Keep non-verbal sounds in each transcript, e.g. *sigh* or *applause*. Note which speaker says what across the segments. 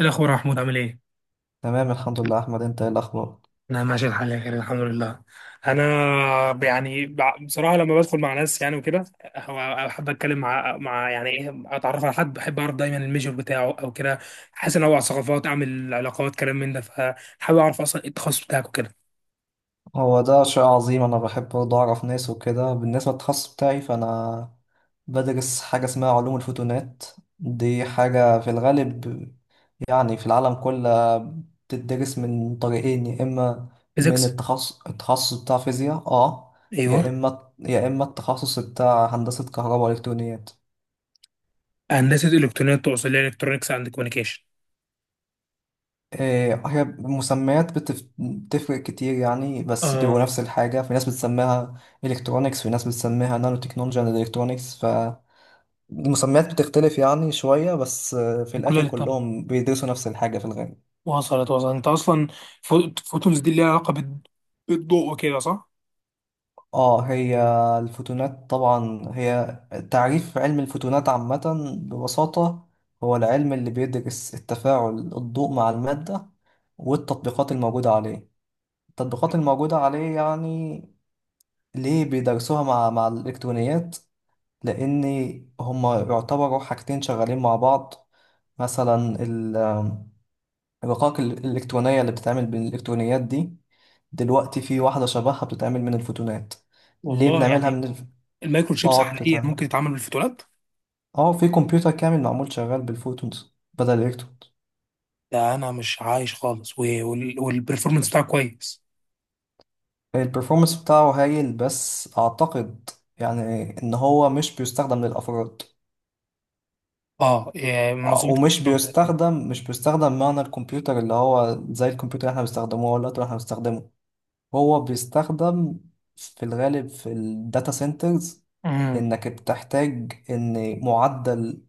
Speaker 1: إيه الأخبار يا محمود عامل إيه؟
Speaker 2: تمام الحمد لله، احمد انت ايه الاخبار؟
Speaker 1: أنا ماشي الحال يا كريم الحمد لله. أنا بصراحة لما بدخل مع ناس يعني وكده هو- أحب أتكلم مع يعني إيه أتعرف على حد، بحب أعرف دايما الميجور بتاعه أو كده، أحس إن أنوع ثقافات أعمل علاقات كلام من ده، فحابب أعرف أصلا إيه التخصص بتاعك وكده.
Speaker 2: هو ده شيء عظيم، انا بحب برضه اعرف ناس وكده. بالنسبه للتخصص بتاعي، فانا بدرس حاجه اسمها علوم الفوتونات. دي حاجه في الغالب يعني في العالم كله بتدرس من طريقين: يا اما من
Speaker 1: فيزيكس.
Speaker 2: التخصص بتاع فيزياء، اه،
Speaker 1: أيوه.
Speaker 2: يا اما التخصص بتاع هندسه كهرباء والكترونيات.
Speaker 1: هندسة إلكترونيات تقصد اللي هي إلكترونكس أند كوميونيكيشن؟
Speaker 2: إيه، هي مسميات بتفرق كتير يعني، بس بيبقوا
Speaker 1: آه.
Speaker 2: نفس الحاجة. في ناس بتسميها الكترونكس، في ناس بتسميها نانو تكنولوجيا اند الكترونكس. فالمسميات بتختلف يعني شوية بس، في
Speaker 1: دي كلها
Speaker 2: الآخر
Speaker 1: للتانية.
Speaker 2: كلهم بيدرسوا نفس الحاجة في الغالب.
Speaker 1: وصلت أنت أصلا. فوتونز دي اللي ليها علاقة بالضوء وكده صح؟
Speaker 2: اه، هي الفوتونات طبعا. هي تعريف علم الفوتونات عامة ببساطة هو العلم اللي بيدرس التفاعل الضوء مع المادة والتطبيقات الموجودة عليه. التطبيقات الموجودة عليه يعني ليه بيدرسوها مع الإلكترونيات؟ لأن هما يعتبروا حاجتين شغالين مع بعض. مثلا ال- الرقائق الإلكترونية اللي بتتعمل بالإلكترونيات دي، دلوقتي في واحدة شبهها بتتعمل من الفوتونات. ليه
Speaker 1: والله
Speaker 2: بنعملها
Speaker 1: يعني،
Speaker 2: من الف...
Speaker 1: المايكرو شيبس
Speaker 2: اه
Speaker 1: حاليا
Speaker 2: بتتعمل.
Speaker 1: ممكن يتعمل بالفوتونات؟
Speaker 2: اه، في كمبيوتر كامل معمول شغال بالفوتونز بدل الإلكترونز.
Speaker 1: ده انا مش عايش خالص والبرفورمانس بتاعه كويس؟
Speaker 2: البرفورمانس بتاعه هايل، بس أعتقد يعني إن هو مش بيستخدم للأفراد،
Speaker 1: اه إيه، منظومه
Speaker 2: ومش
Speaker 1: كبيره.
Speaker 2: بيستخدم مش بيستخدم معنى الكمبيوتر اللي هو زي الكمبيوتر اللي احنا بنستخدمه، هو اللابتوب اللي احنا بنستخدمه. هو بيستخدم في الغالب في الداتا سنترز،
Speaker 1: امم.
Speaker 2: لانك بتحتاج ان معدل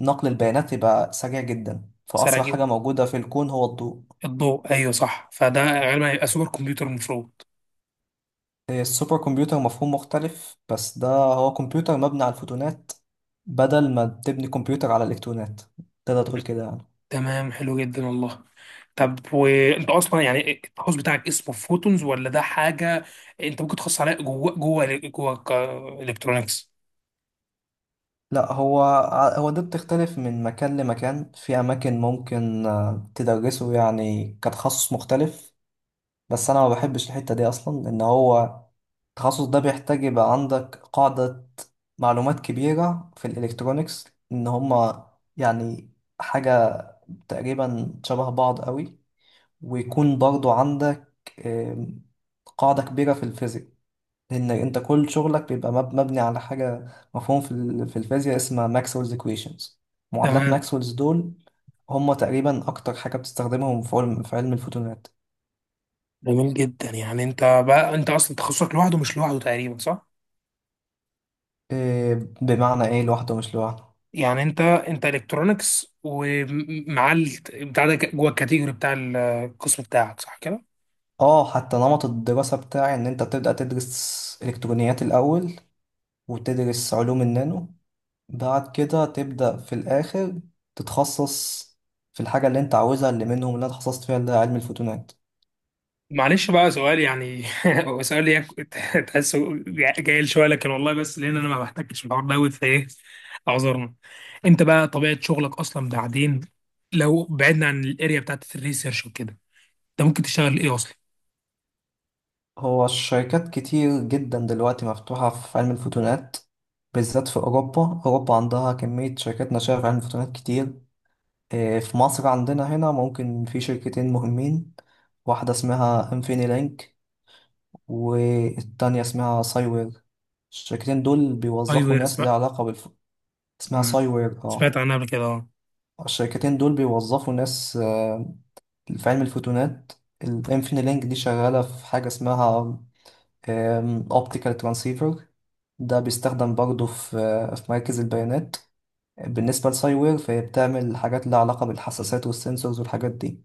Speaker 2: نقل البيانات يبقى سريع جدا،
Speaker 1: سرعه
Speaker 2: فاسرع
Speaker 1: جدا
Speaker 2: حاجه موجوده في الكون هو الضوء.
Speaker 1: الضوء، ايوه صح، فده غالبا هيبقى سوبر كمبيوتر المفروض.
Speaker 2: السوبر كمبيوتر مفهوم مختلف، بس ده هو كمبيوتر مبني على الفوتونات بدل ما تبني كمبيوتر على الالكترونات. تقدر تقول كده يعني.
Speaker 1: تمام، حلو جدا والله. طب وانت اصلا يعني التخصص بتاعك اسمه فوتونز، ولا ده حاجه انت ممكن تخصص عليها جوه جوه الكترونكس؟
Speaker 2: لا، هو هو ده بتختلف من مكان لمكان. في أماكن ممكن تدرسه يعني كتخصص مختلف، بس أنا ما بحبش الحتة دي أصلا، لأن هو التخصص ده بيحتاج يبقى عندك قاعدة معلومات كبيرة في الإلكترونيكس. إن هما يعني حاجة تقريبا شبه بعض قوي، ويكون برضو عندك آم، قاعدة كبيرة في الفيزيك، لان انت كل شغلك بيبقى مبني على حاجه مفهوم في في الفيزياء اسمها ماكسويلز ايكويشنز. معادلات
Speaker 1: تمام.
Speaker 2: ماكسويلز دول هم تقريبا اكتر حاجه بتستخدمهم في علم الفوتونات.
Speaker 1: جميل جدا. يعني انت بقى، انت اصلا تخصصك لوحده مش لوحده تقريبا، صح؟
Speaker 2: إيه، بمعنى ايه لوحده مش لوحده؟
Speaker 1: يعني انت الكترونكس ومع بتاع ده جوه الكاتيجوري بتاع القسم بتاعك، صح كده؟
Speaker 2: اه، حتى نمط الدراسه بتاعي ان انت بتبدا تدرس الكترونيات الاول وتدرس علوم النانو، بعد كده تبدا في الاخر تتخصص في الحاجه اللي انت عاوزها، اللي منهم اللي انا اتخصصت فيها اللي هي علم الفوتونات.
Speaker 1: معلش بقى سؤال يعني *laughs* هو سؤال تحسه جاي *laughs* شويه، لكن والله بس لان انا ما بحتكش في الحوار دوت فايه، اعذرنا. انت بقى طبيعه شغلك اصلا بعدين، لو بعدنا عن الاريا بتاعت الريسيرش وكده، انت ممكن تشتغل ايه اصلا؟
Speaker 2: هو الشركات كتير جدا دلوقتي مفتوحة في علم الفوتونات، بالذات في أوروبا. أوروبا عندها كمية شركات ناشئة في علم الفوتونات كتير. إيه، في مصر عندنا هنا ممكن في شركتين مهمين: واحدة اسمها انفيني لينك، والتانية اسمها سايوير. الشركتين دول
Speaker 1: اي
Speaker 2: بيوظفوا
Speaker 1: وير
Speaker 2: ناس ليها
Speaker 1: سمعت.
Speaker 2: علاقة بالف... اسمها
Speaker 1: مم.
Speaker 2: سايوير،
Speaker 1: سمعت
Speaker 2: اه.
Speaker 1: عنها قبل كده اه.
Speaker 2: الشركتين دول بيوظفوا ناس في علم الفوتونات. الانفيني لينك دي شغالة في حاجة اسمها اوبتيكال ترانسيفر، ده بيستخدم برضه في في مراكز البيانات. بالنسبة لساي وير، فهي بتعمل حاجات لها علاقة بالحساسات والسنسورز والحاجات دي.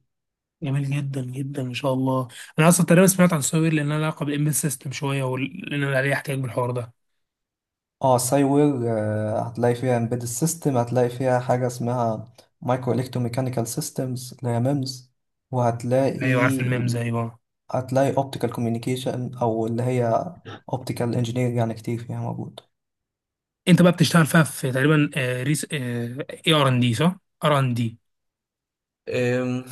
Speaker 1: جميل جدا جدا ما شاء الله. انا اصلا تقريبا سمعت عن سوير لان انا علاقه بالامبيد سيستم شويه، ولان أنا عليه احتياج بالحوار ده.
Speaker 2: اه، ساي وير، هتلاقي فيها embedded system، هتلاقي فيها حاجة اسمها micro electromechanical systems اللي هي ميمز، وهتلاقي
Speaker 1: ايوه عارف الميمز ايوه.
Speaker 2: هتلاقي optical communication أو اللي هي optical engineering. يعني كتير فيها موجود.
Speaker 1: انت بقى بتشتغل فيها في تقريبا، آه، ريس اي ار ان دي صح؟ ار ان دي.
Speaker 2: أم،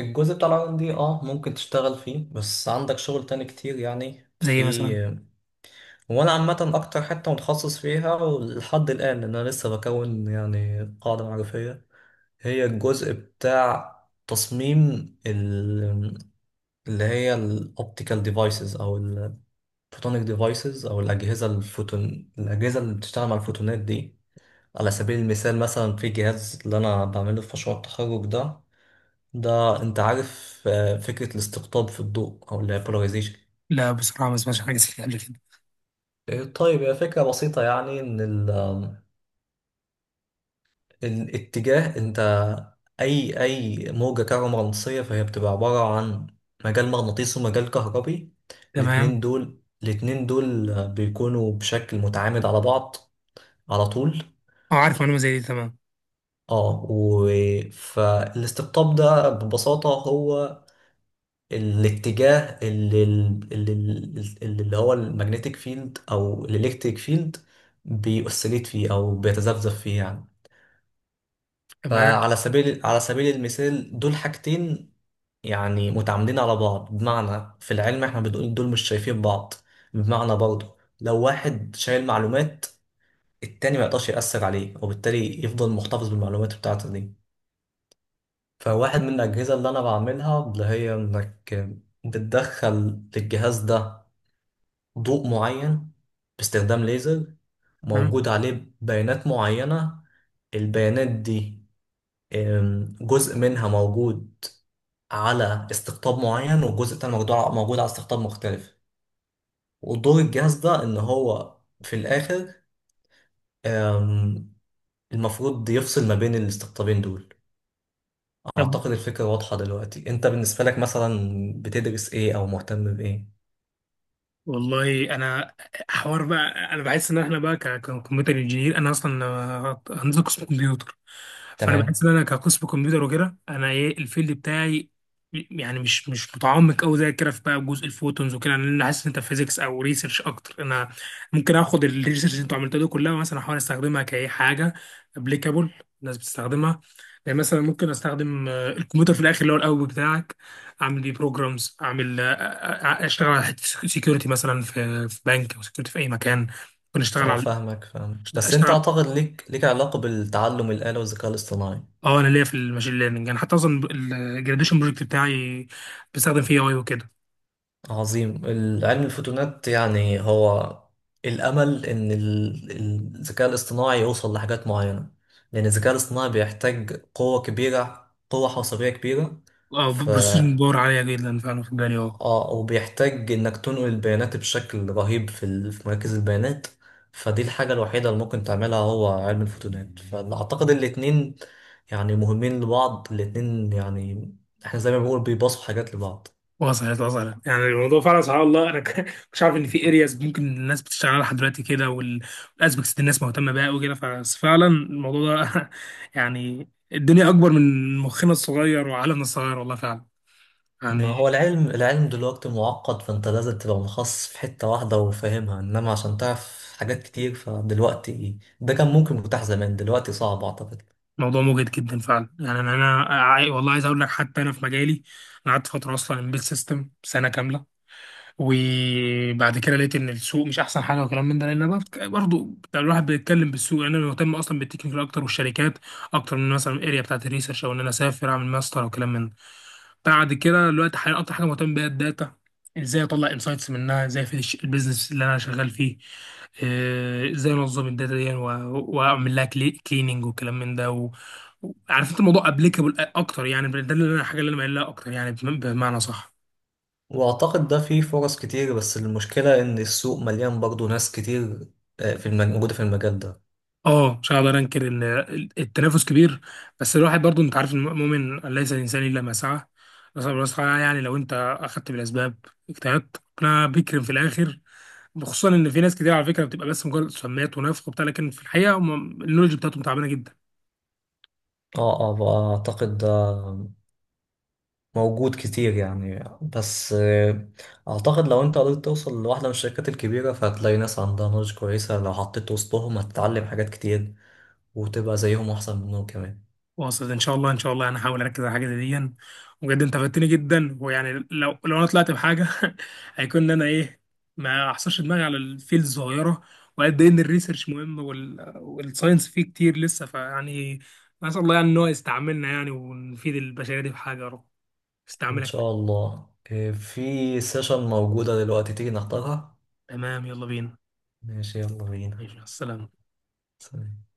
Speaker 2: الجزء بتاع العالم دي، اه، ممكن تشتغل فيه، بس عندك شغل تاني كتير يعني.
Speaker 1: زي ايه
Speaker 2: في
Speaker 1: مثلا؟
Speaker 2: هو، انا عامه اكتر حته متخصص فيها لحد الان، لان انا لسه بكون يعني قاعده معرفيه، هي الجزء بتاع تصميم ال- اللي هي الاوبتيكال ديفايسز او الفوتونيك ديفايسز، او الاجهزه الفوتون، الاجهزه اللي بتشتغل مع الفوتونات دي. على سبيل المثال، مثلا في جهاز اللي انا بعمله في مشروع التخرج ده. ده انت عارف فكره الاستقطاب في الضوء، او اللي هي polarization؟
Speaker 1: لا بصراحه ما سمعتش حاجه زي كده قبل كده.
Speaker 2: طيب، هي فكرة بسيطة يعني. إن الاتجاه انت، اي اي موجة كهرومغناطيسية، فهي بتبقى عبارة عن مجال مغناطيسي ومجال كهربي.
Speaker 1: تمام.
Speaker 2: الاتنين دول بيكونوا بشكل متعامد على بعض على طول.
Speaker 1: اه عارف معلومه زي دي. تمام.
Speaker 2: اه و... فالاستقطاب ده ببساطة هو الاتجاه اللي هو المagnetic فيلد او الالكتريك فيلد بيأسليت فيه او بيتذبذب فيه يعني.
Speaker 1: تمام.
Speaker 2: فعلى سبيل المثال، دول حاجتين يعني متعامدين على بعض. بمعنى في العلم احنا بنقول دول مش شايفين بعض، بمعنى برضه لو واحد شايل معلومات، التاني ما يقدرش يأثر عليه، وبالتالي يفضل محتفظ بالمعلومات بتاعته دي. فواحد من الأجهزة اللي أنا بعملها، اللي هي إنك بتدخل للجهاز ده ضوء معين باستخدام ليزر،
Speaker 1: تمام.
Speaker 2: موجود عليه بيانات معينة. البيانات دي جزء منها موجود على استقطاب معين، والجزء التاني موجود على استقطاب مختلف. ودور الجهاز ده ان هو في الاخر أم، المفروض يفصل ما بين الاستقطابين دول.
Speaker 1: طب
Speaker 2: اعتقد الفكرة واضحة دلوقتي. انت بالنسبة لك مثلا بتدرس ايه او مهتم بايه؟
Speaker 1: والله انا، حوار بقى انا بحس ان احنا بقى ككمبيوتر انجينير، انا اصلا هندسه قسم كمبيوتر. فانا بحس
Speaker 2: تمام.
Speaker 1: ان انا كقسم كمبيوتر وكده انا ايه الفيلد بتاعي. يعني مش متعمق قوي زي كده في بقى جزء الفوتونز وكده، لان انا حاسس ان انت فيزيكس او ريسيرش اكتر. انا ممكن اخد الريسيرش اللي انتوا عملتوها دي كلها، مثلا احاول استخدمها كاي حاجه ابليكابل الناس بتستخدمها. يعني مثلا ممكن استخدم الكمبيوتر في الاخر اللي هو القوي بتاعك، اعمل بيه بروجرامز، اعمل اشتغل على حته سكيورتي مثلا في بنك، او سكيورتي في اي مكان. ممكن اشتغل
Speaker 2: اه
Speaker 1: على،
Speaker 2: فاهمك فاهمك، بس انت
Speaker 1: اشتغل.
Speaker 2: اعتقد ليك علاقة بالتعلم الآلي والذكاء الاصطناعي.
Speaker 1: اه انا ليا في الماشين ليرنينج، يعني حتى اصلا الجراديشن بروجكت بتاعي بستخدم فيه اي وكده.
Speaker 2: عظيم. علم الفوتونات يعني هو الأمل إن الذكاء الاصطناعي يوصل لحاجات معينة. لأن الذكاء الاصطناعي بيحتاج قوة كبيرة، قوة حاسوبية كبيرة.
Speaker 1: اه
Speaker 2: ف
Speaker 1: بروسيسنج باور عاليه جدا فعلا في بالي اه.
Speaker 2: وبيحتاج إنك تنقل البيانات بشكل رهيب في في مراكز البيانات. فدي الحاجة الوحيدة اللي ممكن تعملها هو علم الفوتونات. فأعتقد الاتنين يعني مهمين لبعض، الاتنين يعني احنا زي ما بنقول بيباصوا حاجات لبعض.
Speaker 1: وصلت وصلت، يعني الموضوع فعلا سبحان الله، انا *laughs* مش عارف ان في ارياز ممكن الناس بتشتغل عليها لحد دلوقتي كده، والاسبكتس دي الناس مهتمه بيها وكده، ففعلا الموضوع ده *laughs* يعني الدنيا اكبر من مخنا الصغير وعالمنا الصغير، والله فعلا
Speaker 2: ما
Speaker 1: يعني.
Speaker 2: هو العلم دلوقتي معقد، فانت لازم تبقى مخصص في حتة واحدة وفاهمها، انما عشان تعرف حاجات كتير، فدلوقتي، ده كان ممكن متاح زمان، دلوقتي صعب اعتقد.
Speaker 1: موضوع مجهد جدا فعلا، يعني انا عاي... والله عايز اقول لك حتى انا في مجالي، انا قعدت فتره اصلا امبيد سيستم سنه كامله. وبعد كده لقيت ان السوق مش احسن حاجه وكلام من ده، لان برضه الواحد بيتكلم بالسوق، لان انا مهتم اصلا بالتكنيكال اكتر والشركات اكتر من مثلا الاريا بتاعت الريسيرش، او ان انا اسافر اعمل ماستر وكلام من ده. بعد كده دلوقتي حاليا اكتر حاجه مهتم بيها الداتا، ازاي اطلع انسايتس منها، ازاي في البيزنس اللي انا شغال فيه، ازاي انظم الداتا دي واعمل لها كليننج وكلام من ده و... عارف انت الموضوع ابليكابل اكتر، يعني ده اللي انا، الحاجه اللي انا مايل لها اكتر، يعني بمعنى صح.
Speaker 2: واعتقد ده فيه فرص كتير، بس المشكلة ان السوق مليان برضو ناس كتير، في المج... موجودة في المجال ده.
Speaker 1: اه مش هقدر انكر ان التنافس كبير، بس الواحد برضو انت عارف، المؤمن ليس الانسان الا ما سعى. بس يعني لو انت اخدت بالاسباب اجتهدت ربنا بيكرم في الاخر، خصوصا ان في ناس كتير على فكره بتبقى بس مجرد سمات ونفخ وبتاع، لكن في الحقيقه هم النولج بتاعتهم تعبانه جدا.
Speaker 2: اعتقد ده موجود كتير يعني، بس اعتقد لو واحدة مش شاطرة، فهتلاقي ناس عندها نضج كويسة، لو حطيت وسطهم هتتعلم حاجات كتير، وتبقى زيهم احسن منهم كمان.
Speaker 1: واصل ان شاء الله. ان شاء الله انا هحاول اركز على حاجه زي دي. بجد انت فدتني جدا، ويعني لو انا طلعت بحاجه *laughs* هيكون ان انا ايه، ما احصرش دماغي على الفيلد الصغيره، وقد ايه ان الريسيرش مهم وال... والساينس فيه كتير لسه، فيعني نسال الله يعني ان هو يستعملنا يعني ونفيد البشريه دي بحاجه يا رب
Speaker 2: ان
Speaker 1: استعملك.
Speaker 2: شاء الله. إيه، في سيشن موجودة دلوقتي، تيجي نحضرها؟
Speaker 1: تمام يلا بينا.
Speaker 2: ماشي، يلا بينا.
Speaker 1: ماشي مع السلامه.
Speaker 2: سلام.